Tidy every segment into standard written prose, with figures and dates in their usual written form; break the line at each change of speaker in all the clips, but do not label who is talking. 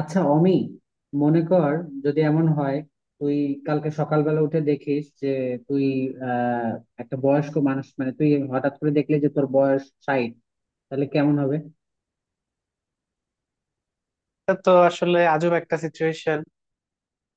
আচ্ছা অমি, মনে কর, যদি এমন হয় তুই কালকে সকালবেলা উঠে দেখিস যে তুই আহ একটা বয়স্ক মানুষ। মানে তুই হঠাৎ করে দেখলি যে তোর বয়স 60। তাহলে কেমন হবে?
এটা তো আসলে আজব একটা সিচুয়েশন।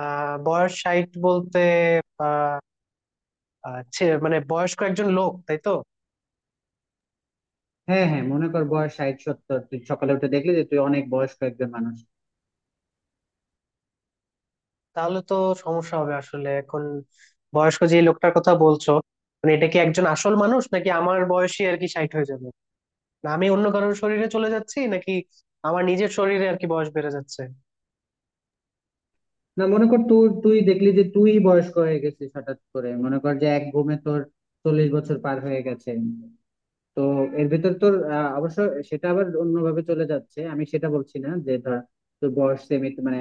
বয়স 60 বলতে আহ, আহ, ছে- মানে বয়স্ক একজন লোক, তাই তো?
হ্যাঁ, হ্যাঁ, মনে কর বয়স 60, 70, তুই সকালে উঠে দেখলি যে তুই অনেক বয়স্ক একজন মানুষ।
তাহলে তো সমস্যা হবে আসলে। এখন বয়স্ক যে লোকটার কথা বলছো, মানে এটা কি একজন আসল মানুষ নাকি আমার বয়সী আর কি 60 হয়ে যাবে? না আমি অন্য কারোর শরীরে চলে যাচ্ছি নাকি আমার নিজের শরীরে আর কি বয়স বেড়ে যাচ্ছে?
না, মনে কর তুই তুই দেখলি যে তুই বয়স্ক হয়ে গেছিস। হঠাৎ করে মনে কর যে এক ঘুমে তোর 40 বছর পার হয়ে গেছে। তো এর ভিতর তোর অবশ্য সেটা আবার অন্যভাবে চলে যাচ্ছে। আমি সেটা বলছি না যে ধর তোর বয়স সেমি মানে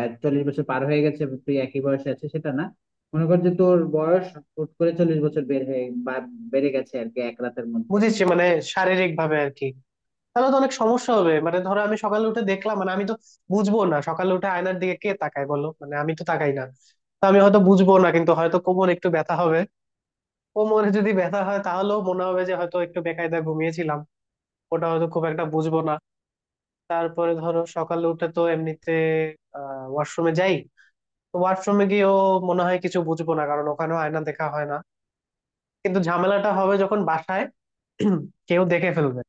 40 বছর পার হয়ে গেছে তুই একই বয়সে আছে, সেটা না। মনে কর যে তোর বয়স হুট করে 40 বছর বের হয়ে বা বেড়ে গেছে আর কি, এক রাতের মধ্যে।
বুঝেছি, মানে শারীরিক ভাবে আর কি। তাহলে তো অনেক সমস্যা হবে। মানে ধরো আমি সকালে উঠে দেখলাম, মানে আমি তো বুঝবো না। সকালে উঠে আয়নার দিকে কে তাকায় বলো, মানে আমি তো তাকাই না। তো আমি হয়তো বুঝবো না, কিন্তু হয়তো কোমর একটু ব্যথা হবে। কোমরে যদি ব্যথা হয় তাহলেও মনে হবে যে হয়তো একটু বেকায়দা ঘুমিয়েছিলাম, ওটা হয়তো খুব একটা বুঝবো না। তারপরে ধরো সকালে উঠে তো এমনিতে ওয়াশরুমে যাই। তো ওয়াশরুমে গিয়েও মনে হয় কিছু বুঝবো না, কারণ ওখানেও আয়না দেখা হয় না। কিন্তু ঝামেলাটা হবে যখন বাসায় কেউ দেখে ফেলবে,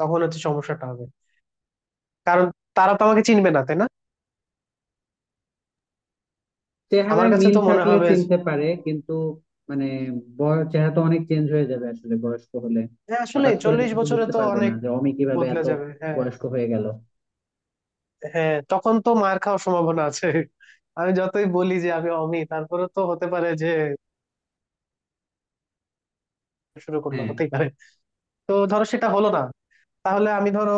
তখন হচ্ছে সমস্যাটা হবে। কারণ তারা তো আমাকে চিনবে না, তাই না? আমার
চেহারায়
কাছে
মিল
তো মনে
থাকলে
হবে যে,
চিনতে পারে, কিন্তু মানে বয়স চেহারা তো অনেক চেঞ্জ হয়ে যাবে আসলে বয়স্ক হলে।
হ্যাঁ আসলে
হঠাৎ করে
চল্লিশ
দেখে তো
বছরে
বুঝতে
তো
পারবে না
অনেক
যে অমি কিভাবে
বদলে
এত
যাবে। হ্যাঁ,
বয়স্ক হয়ে গেল।
হ্যাঁ, তখন তো মার খাওয়ার সম্ভাবনা আছে। আমি যতই বলি যে আমি অমি, তারপরে তো হতে পারে যে শুরু করলো,
হ্যাঁ,
হতেই পারে। তো ধরো সেটা হলো না, তাহলে আমি ধরো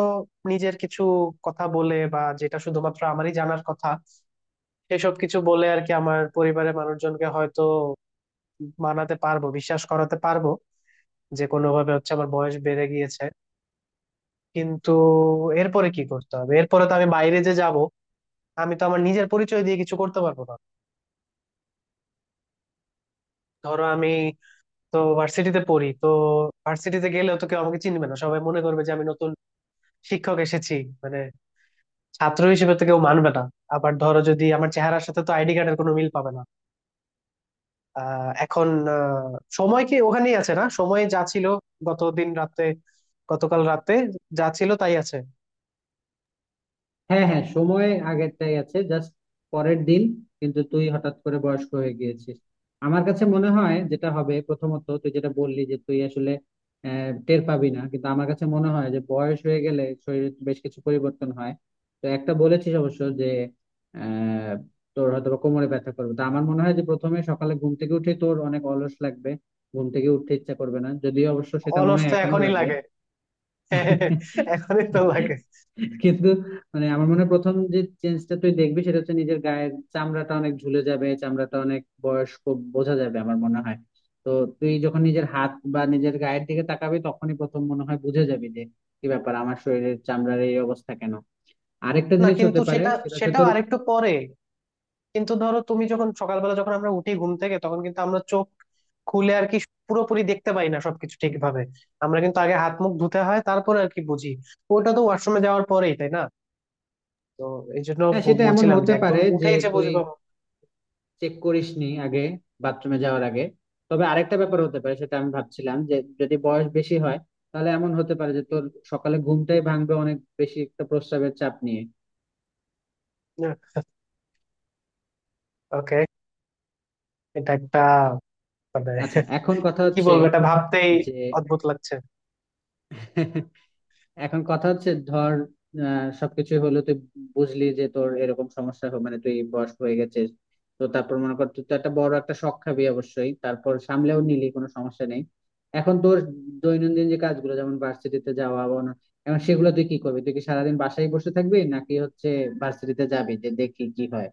নিজের কিছু কথা বলে, বা যেটা শুধুমাত্র আমারই জানার কথা সেসব কিছু বলে আর কি, আমার পরিবারের মানুষজনকে হয়তো মানাতে পারবো, বিশ্বাস করাতে পারবো যে কোনো ভাবে হচ্ছে আমার বয়স বেড়ে গিয়েছে। কিন্তু এরপরে কি করতে হবে? এরপরে তো আমি বাইরে যে যাব, আমি তো আমার নিজের পরিচয় দিয়ে কিছু করতে পারবো না। ধরো আমি তো ভার্সিটিতে পড়ি, তো ভার্সিটিতে গেলেও তো কেউ আমাকে চিনবে না, সবাই মনে করবে যে আমি নতুন শিক্ষক এসেছি। মানে ছাত্র হিসেবে তো কেউ মানবে না। আবার ধরো, যদি আমার চেহারার সাথে তো আইডি কার্ডের কোনো মিল পাবে না। এখন আহ, সময় কি ওখানেই আছে, না সময় যা ছিল গত দিন রাতে, গতকাল রাতে, যা ছিল তাই আছে?
হ্যাঁ, হ্যাঁ, সময় আগেরটাই আছে, জাস্ট পরের দিন। কিন্তু তুই হঠাৎ করে বয়স্ক হয়ে গিয়েছিস। আমার কাছে মনে হয় যেটা হবে প্রথমত তুই যেটা বললি যে তুই আসলে টের পাবি না, কিন্তু আমার কাছে মনে হয় যে বয়স হয়ে গেলে শরীরে বেশ কিছু পরিবর্তন হয়। তো একটা বলেছিস অবশ্য যে আহ তোর হয়তো বা কোমরে ব্যথা করবে। তো আমার মনে হয় যে প্রথমে সকালে ঘুম থেকে উঠে তোর অনেক অলস লাগবে। ঘুম থেকে উঠতে ইচ্ছা করবে না, যদিও অবশ্য সেটা মনে
অলস
হয়
তো
এখনো
এখনই
লাগে।
লাগে। এখনই তো লাগে।
কিন্তু মানে আমার মনে হয় প্রথম যে চেঞ্জটা তুই দেখবি সেটা হচ্ছে নিজের গায়ের চামড়াটা অনেক ঝুলে যাবে, চামড়াটা অনেক বয়স্ক বোঝা যাবে আমার মনে হয়। তো তুই যখন নিজের হাত বা নিজের গায়ের দিকে তাকাবি তখনই প্রথম মনে হয় বুঝে যাবি যে কি ব্যাপার, আমার শরীরের চামড়ার এই অবস্থা কেন। আরেকটা
না,
জিনিস হতে
কিন্তু
পারে
সেটা,
সেটা হচ্ছে তোর।
আরেকটু পরে। কিন্তু ধরো তুমি যখন সকালবেলা, যখন আমরা উঠি ঘুম থেকে, তখন কিন্তু আমরা চোখ খুলে আর কি পুরোপুরি দেখতে পাই না সবকিছু ঠিকভাবে। আমরা কিন্তু আগে হাত মুখ ধুতে হয়, তারপরে আর কি বুঝি। ওটা তো ওয়াশরুমে যাওয়ার পরেই, তাই না? তো এই জন্য
হ্যাঁ, সেটা এমন
বলছিলাম যে
হতে
একদম
পারে যে
উঠেই যে
তুই
বুঝবো।
চেক করিস নি আগে, বাথরুমে যাওয়ার আগে। তবে আরেকটা ব্যাপার হতে পারে, সেটা আমি ভাবছিলাম যে যদি বয়স বেশি হয় তাহলে এমন হতে পারে যে তোর সকালে ঘুমটাই ভাঙবে অনেক বেশি একটা প্রস্রাবের চাপ নিয়ে।
ওকে। এটা একটা, মানে
আচ্ছা, এখন কথা
কি
হচ্ছে
বলবো, এটা ভাবতেই
যে
অদ্ভুত লাগছে।
এখন কথা হচ্ছে ধর সবকিছু হলো, তুই বুঝলি যে তোর এরকম সমস্যা হবে মানে তুই বয়স হয়ে গেছিস। তো তারপর মনে কর তুই তো একটা বড় একটা শখ খাবি অবশ্যই, তারপর সামলেও নিলি কোনো সমস্যা নেই। এখন তোর দৈনন্দিন যে কাজগুলো যেমন ভার্সিটিতে যাওয়া বা এখন সেগুলো তুই কি করবি? তুই কি সারাদিন বাসায় বসে থাকবি, নাকি হচ্ছে ভার্সিটিতে যাবি যে দেখি কি হয়?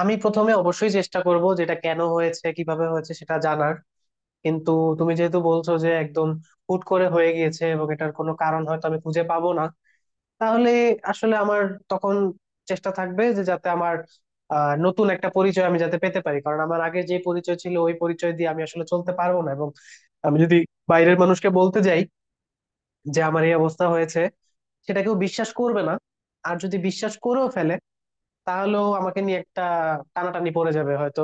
আমি প্রথমে অবশ্যই চেষ্টা করব যেটা কেন হয়েছে, কিভাবে হয়েছে সেটা জানার। কিন্তু তুমি যেহেতু বলছো যে একদম হুট করে হয়ে গিয়েছে, এবং এটার কোনো কারণ হয়তো আমি খুঁজে পাবো না, তাহলে আসলে আমার তখন চেষ্টা থাকবে যে যাতে আমার নতুন একটা পরিচয় আমি যাতে পেতে পারি, কারণ আমার আগে যে পরিচয় ছিল ওই পরিচয় দিয়ে আমি আসলে চলতে পারবো না। এবং আমি যদি বাইরের মানুষকে বলতে যাই যে আমার এই অবস্থা হয়েছে, সেটা কেউ বিশ্বাস করবে না। আর যদি বিশ্বাস করেও ফেলে, তাহলেও আমাকে নিয়ে একটা টানাটানি পড়ে যাবে হয়তো।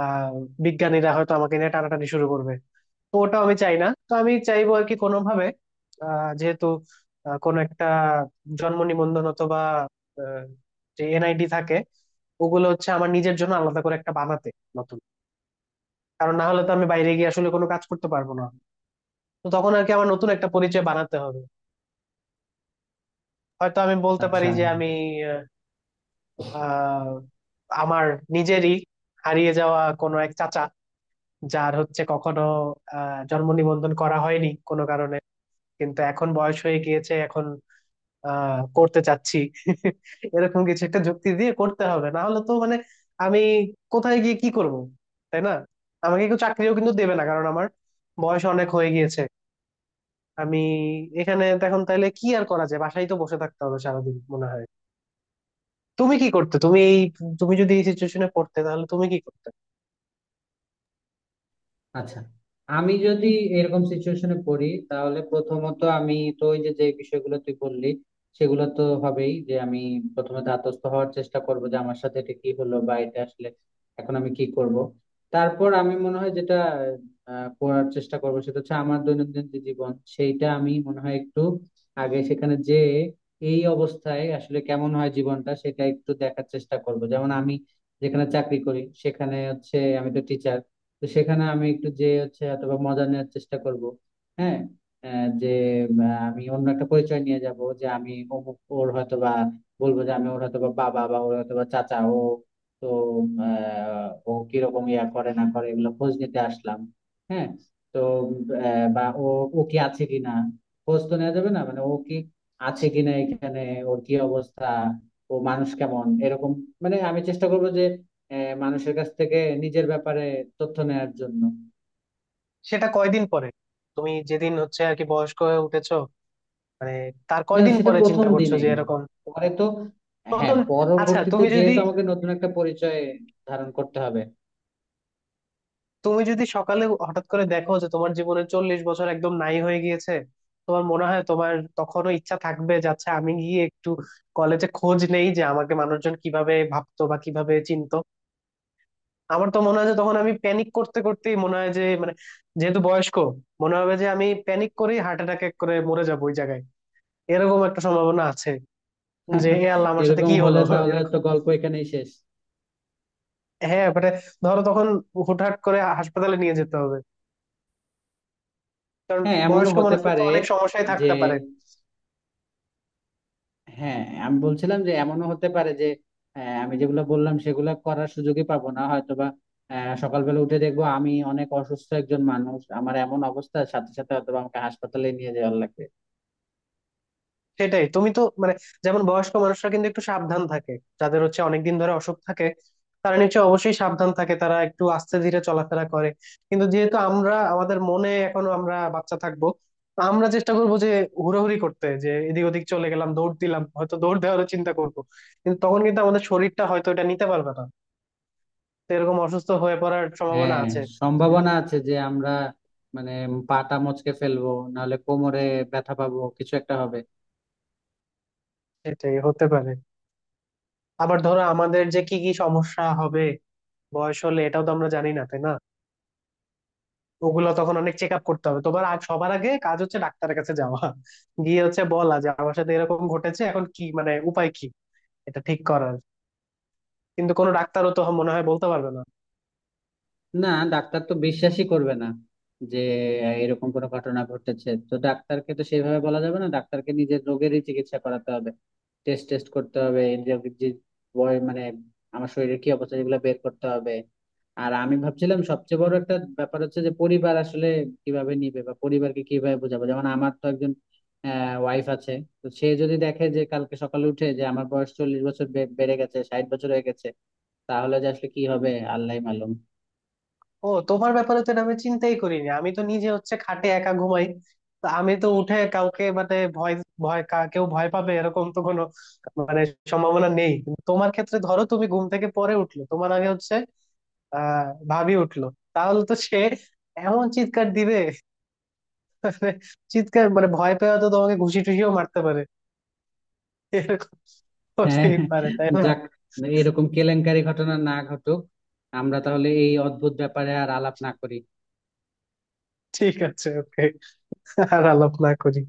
আহ বিজ্ঞানীরা হয়তো আমাকে নিয়ে টানাটানি শুরু করবে। তো ওটাও আমি চাই না। তো আমি চাইবো আর কি, কোনোভাবে, যেহেতু কোনো একটা জন্ম নিবন্ধন অথবা আহ, যে এনআইডি থাকে, ওগুলো হচ্ছে আমার নিজের জন্য আলাদা করে একটা বানাতে, নতুন। কারণ না হলে তো আমি বাইরে গিয়ে আসলে কোনো কাজ করতে পারবো না। তো তখন আর কি আমার নতুন একটা পরিচয় বানাতে হবে। হয়তো আমি বলতে পারি
আচ্ছা,
যে আমি, আহ আমার নিজেরই হারিয়ে যাওয়া কোনো এক চাচা, যার হচ্ছে কখনো জন্ম নিবন্ধন করা হয়নি কোনো কারণে, কিন্তু এখন বয়স হয়ে গিয়েছে, এখন করতে চাচ্ছি। এরকম কিছু একটা যুক্তি দিয়ে করতে হবে, না হলে তো মানে আমি কোথায় গিয়ে কি করব, তাই না? আমাকে কেউ চাকরিও কিন্তু দেবে না, কারণ আমার বয়স অনেক হয়ে গিয়েছে। আমি এখানে তো এখন তাইলে কি আর করা যায়, বাসায় তো বসে থাকতে হবে সারাদিন মনে হয়। তুমি কি করতে, তুমি এই, তুমি যদি এই সিচুয়েশনে পড়তে তাহলে তুমি কি করতে?
আচ্ছা, আমি যদি এরকম সিচুয়েশনে পড়ি তাহলে প্রথমত আমি তো ওই যে যে বিষয়গুলো তুই বললি সেগুলো তো হবেই, যে আমি প্রথমে ধাতস্থ হওয়ার চেষ্টা করব যে আমার সাথে এটা কি হলো বা এটা আসলে এখন আমি কি করব। তারপর আমি মনে হয় যেটা করার চেষ্টা করবো সেটা হচ্ছে আমার দৈনন্দিন যে জীবন সেইটা আমি মনে হয় একটু আগে সেখানে যে এই অবস্থায় আসলে কেমন হয় জীবনটা, সেটা একটু দেখার চেষ্টা করব। যেমন আমি যেখানে চাকরি করি সেখানে হচ্ছে আমি তো টিচার। তো সেখানে আমি একটু যে হচ্ছে অথবা মজা নেওয়ার চেষ্টা করব। হ্যাঁ, যে উম, আমি অন্য একটা পরিচয় নিয়ে যাব যে আমি অমুক ওর হয়তো বা, বলবো যে আমি ওর হয়তো বা বাবা বা ওর হয়তো বা চাচা ও। তো ও কিরকম ইয়া করে না করে এগুলো খোঁজ নিতে আসলাম। হ্যাঁ, তো বা ও ও কি আছে কিনা। খোঁজ তো নেওয়া যাবে না মানে ও কি আছে কিনা এখানে, ওর কি অবস্থা, ও মানুষ কেমন, এরকম। মানে আমি চেষ্টা করবো যে মানুষের কাছ থেকে নিজের ব্যাপারে তথ্য নেয়ার জন্য।
সেটা কয়দিন পরে? তুমি যেদিন হচ্ছে আর কি বয়স্ক হয়ে উঠেছো, মানে তার
না, না,
কয়দিন
সেটা
পরে চিন্তা
প্রথম
করছো যে
দিনেই,
এরকম?
পরে তো। হ্যাঁ,
প্রথম? আচ্ছা
পরবর্তীতে
তুমি যদি,
যেহেতু আমাকে নতুন একটা পরিচয় ধারণ করতে হবে।
সকালে হঠাৎ করে দেখো যে তোমার জীবনের 40 বছর একদম নাই হয়ে গিয়েছে, তোমার মনে হয় তোমার তখনও ইচ্ছা থাকবে যাচ্ছে আমি গিয়ে একটু কলেজে খোঁজ নেই যে আমাকে মানুষজন কিভাবে ভাবতো বা কিভাবে চিনতো? আমার তো মনে হয় যে তখন আমি প্যানিক করতে করতেই মনে হয় যে মানে, যেহেতু বয়স্ক, মনে হবে যে আমি প্যানিক করেই হার্ট অ্যাটাক করে মরে যাবো ওই জায়গায়। এরকম একটা সম্ভাবনা আছে যে এ আল্লাহ আমার সাথে
এরকম
কি
হলে
হলো।
তাহলে তো
এরকম,
গল্প এখানেই শেষ।
হ্যাঁ মানে ধরো তখন হুটহাট করে হাসপাতালে নিয়ে যেতে হবে, কারণ
হ্যাঁ, এমনও
বয়স্ক
হতে
মানুষের তো
পারে
অনেক সমস্যাই
যে।
থাকতে পারে।
হ্যাঁ, আমি বলছিলাম যে এমনও হতে পারে যে আমি যেগুলো বললাম সেগুলো করার সুযোগই পাবো না হয়তোবা। সকালবেলা উঠে দেখবো আমি অনেক অসুস্থ একজন মানুষ, আমার এমন অবস্থা সাথে সাথে হয়তো বা আমাকে হাসপাতালে নিয়ে যাওয়ার লাগবে।
সেটাই, তুমি তো মানে, যেমন বয়স্ক মানুষরা কিন্তু একটু সাবধান থাকে, যাদের হচ্ছে অনেকদিন ধরে অসুখ থাকে তারা নিশ্চয়ই অবশ্যই সাবধান থাকে, তারা একটু আস্তে ধীরে চলাফেরা করে। কিন্তু যেহেতু আমরা আমাদের মনে এখনো আমরা বাচ্চা থাকবো, তো আমরা চেষ্টা করবো যে হুড়োহুড়ি করতে, যে এদিক ওদিক চলে গেলাম, দৌড় দিলাম, হয়তো দৌড় দেওয়ারও চিন্তা করবো। কিন্তু তখন কিন্তু আমাদের শরীরটা হয়তো এটা নিতে পারবে না। তো এরকম অসুস্থ হয়ে পড়ার সম্ভাবনা
হ্যাঁ,
আছে।
সম্ভাবনা আছে যে আমরা মানে পাটা মচকে ফেলবো, নাহলে কোমরে ব্যথা পাবো, কিছু একটা হবে।
সেটাই হতে পারে। আবার ধরো আমাদের যে কি কি সমস্যা হবে বয়স হলে, এটাও তো আমরা জানি না, তাই না? ওগুলো তখন অনেক চেক আপ করতে হবে তোমার। আগ, সবার আগে কাজ হচ্ছে ডাক্তারের কাছে যাওয়া, গিয়ে হচ্ছে বলা যে আমার সাথে এরকম ঘটেছে, এখন কি মানে উপায় কি এটা ঠিক করার। কিন্তু কোনো ডাক্তারও তো মনে হয় বলতে পারবে না।
না, ডাক্তার তো বিশ্বাসই করবে না যে এরকম কোনো ঘটনা ঘটেছে। তো ডাক্তারকে তো সেইভাবে বলা যাবে না, ডাক্তারকে নিজের রোগেরই চিকিৎসা করাতে হবে। টেস্ট টেস্ট করতে হবে। এই যে যে বয় মানে আমার শরীরের কি অবস্থা, এগুলো বের করতে হবে। আর আমি ভাবছিলাম সবচেয়ে বড় একটা ব্যাপার হচ্ছে যে পরিবার আসলে কিভাবে নিবে বা পরিবারকে কিভাবে বোঝাবো। যেমন আমার তো একজন ওয়াইফ আছে। তো সে যদি দেখে যে কালকে সকালে উঠে যে আমার বয়স 40 বছর বেড়ে গেছে, 60 বছর হয়ে গেছে, তাহলে যে আসলে কি হবে আল্লাহই মালুম।
ও, তোমার ব্যাপারে তো এটা আমি চিন্তাই করিনি। আমি তো নিজে হচ্ছে খাটে একা ঘুমাই, তো আমি তো উঠে কাউকে মানে ভয় ভয়, কেউ ভয় পাবে এরকম তো কোনো মানে সম্ভাবনা নেই। কিন্তু তোমার ক্ষেত্রে ধরো, তুমি ঘুম থেকে পরে উঠলো, তোমার আগে হচ্ছে আহ ভাবি উঠলো, তাহলে তো সে এমন চিৎকার দিবে, মানে চিৎকার মানে ভয় পেয়ে তো তোমাকে ঘুষি টুষিও মারতে পারে, এরকম
হ্যাঁ,
হতেই পারে, তাই না?
যাক, এরকম কেলেঙ্কারি ঘটনা না ঘটুক। আমরা তাহলে এই অদ্ভুত ব্যাপারে আর আলাপ না করি।
ঠিক আছে, ওকে, আর আলাপ না করি।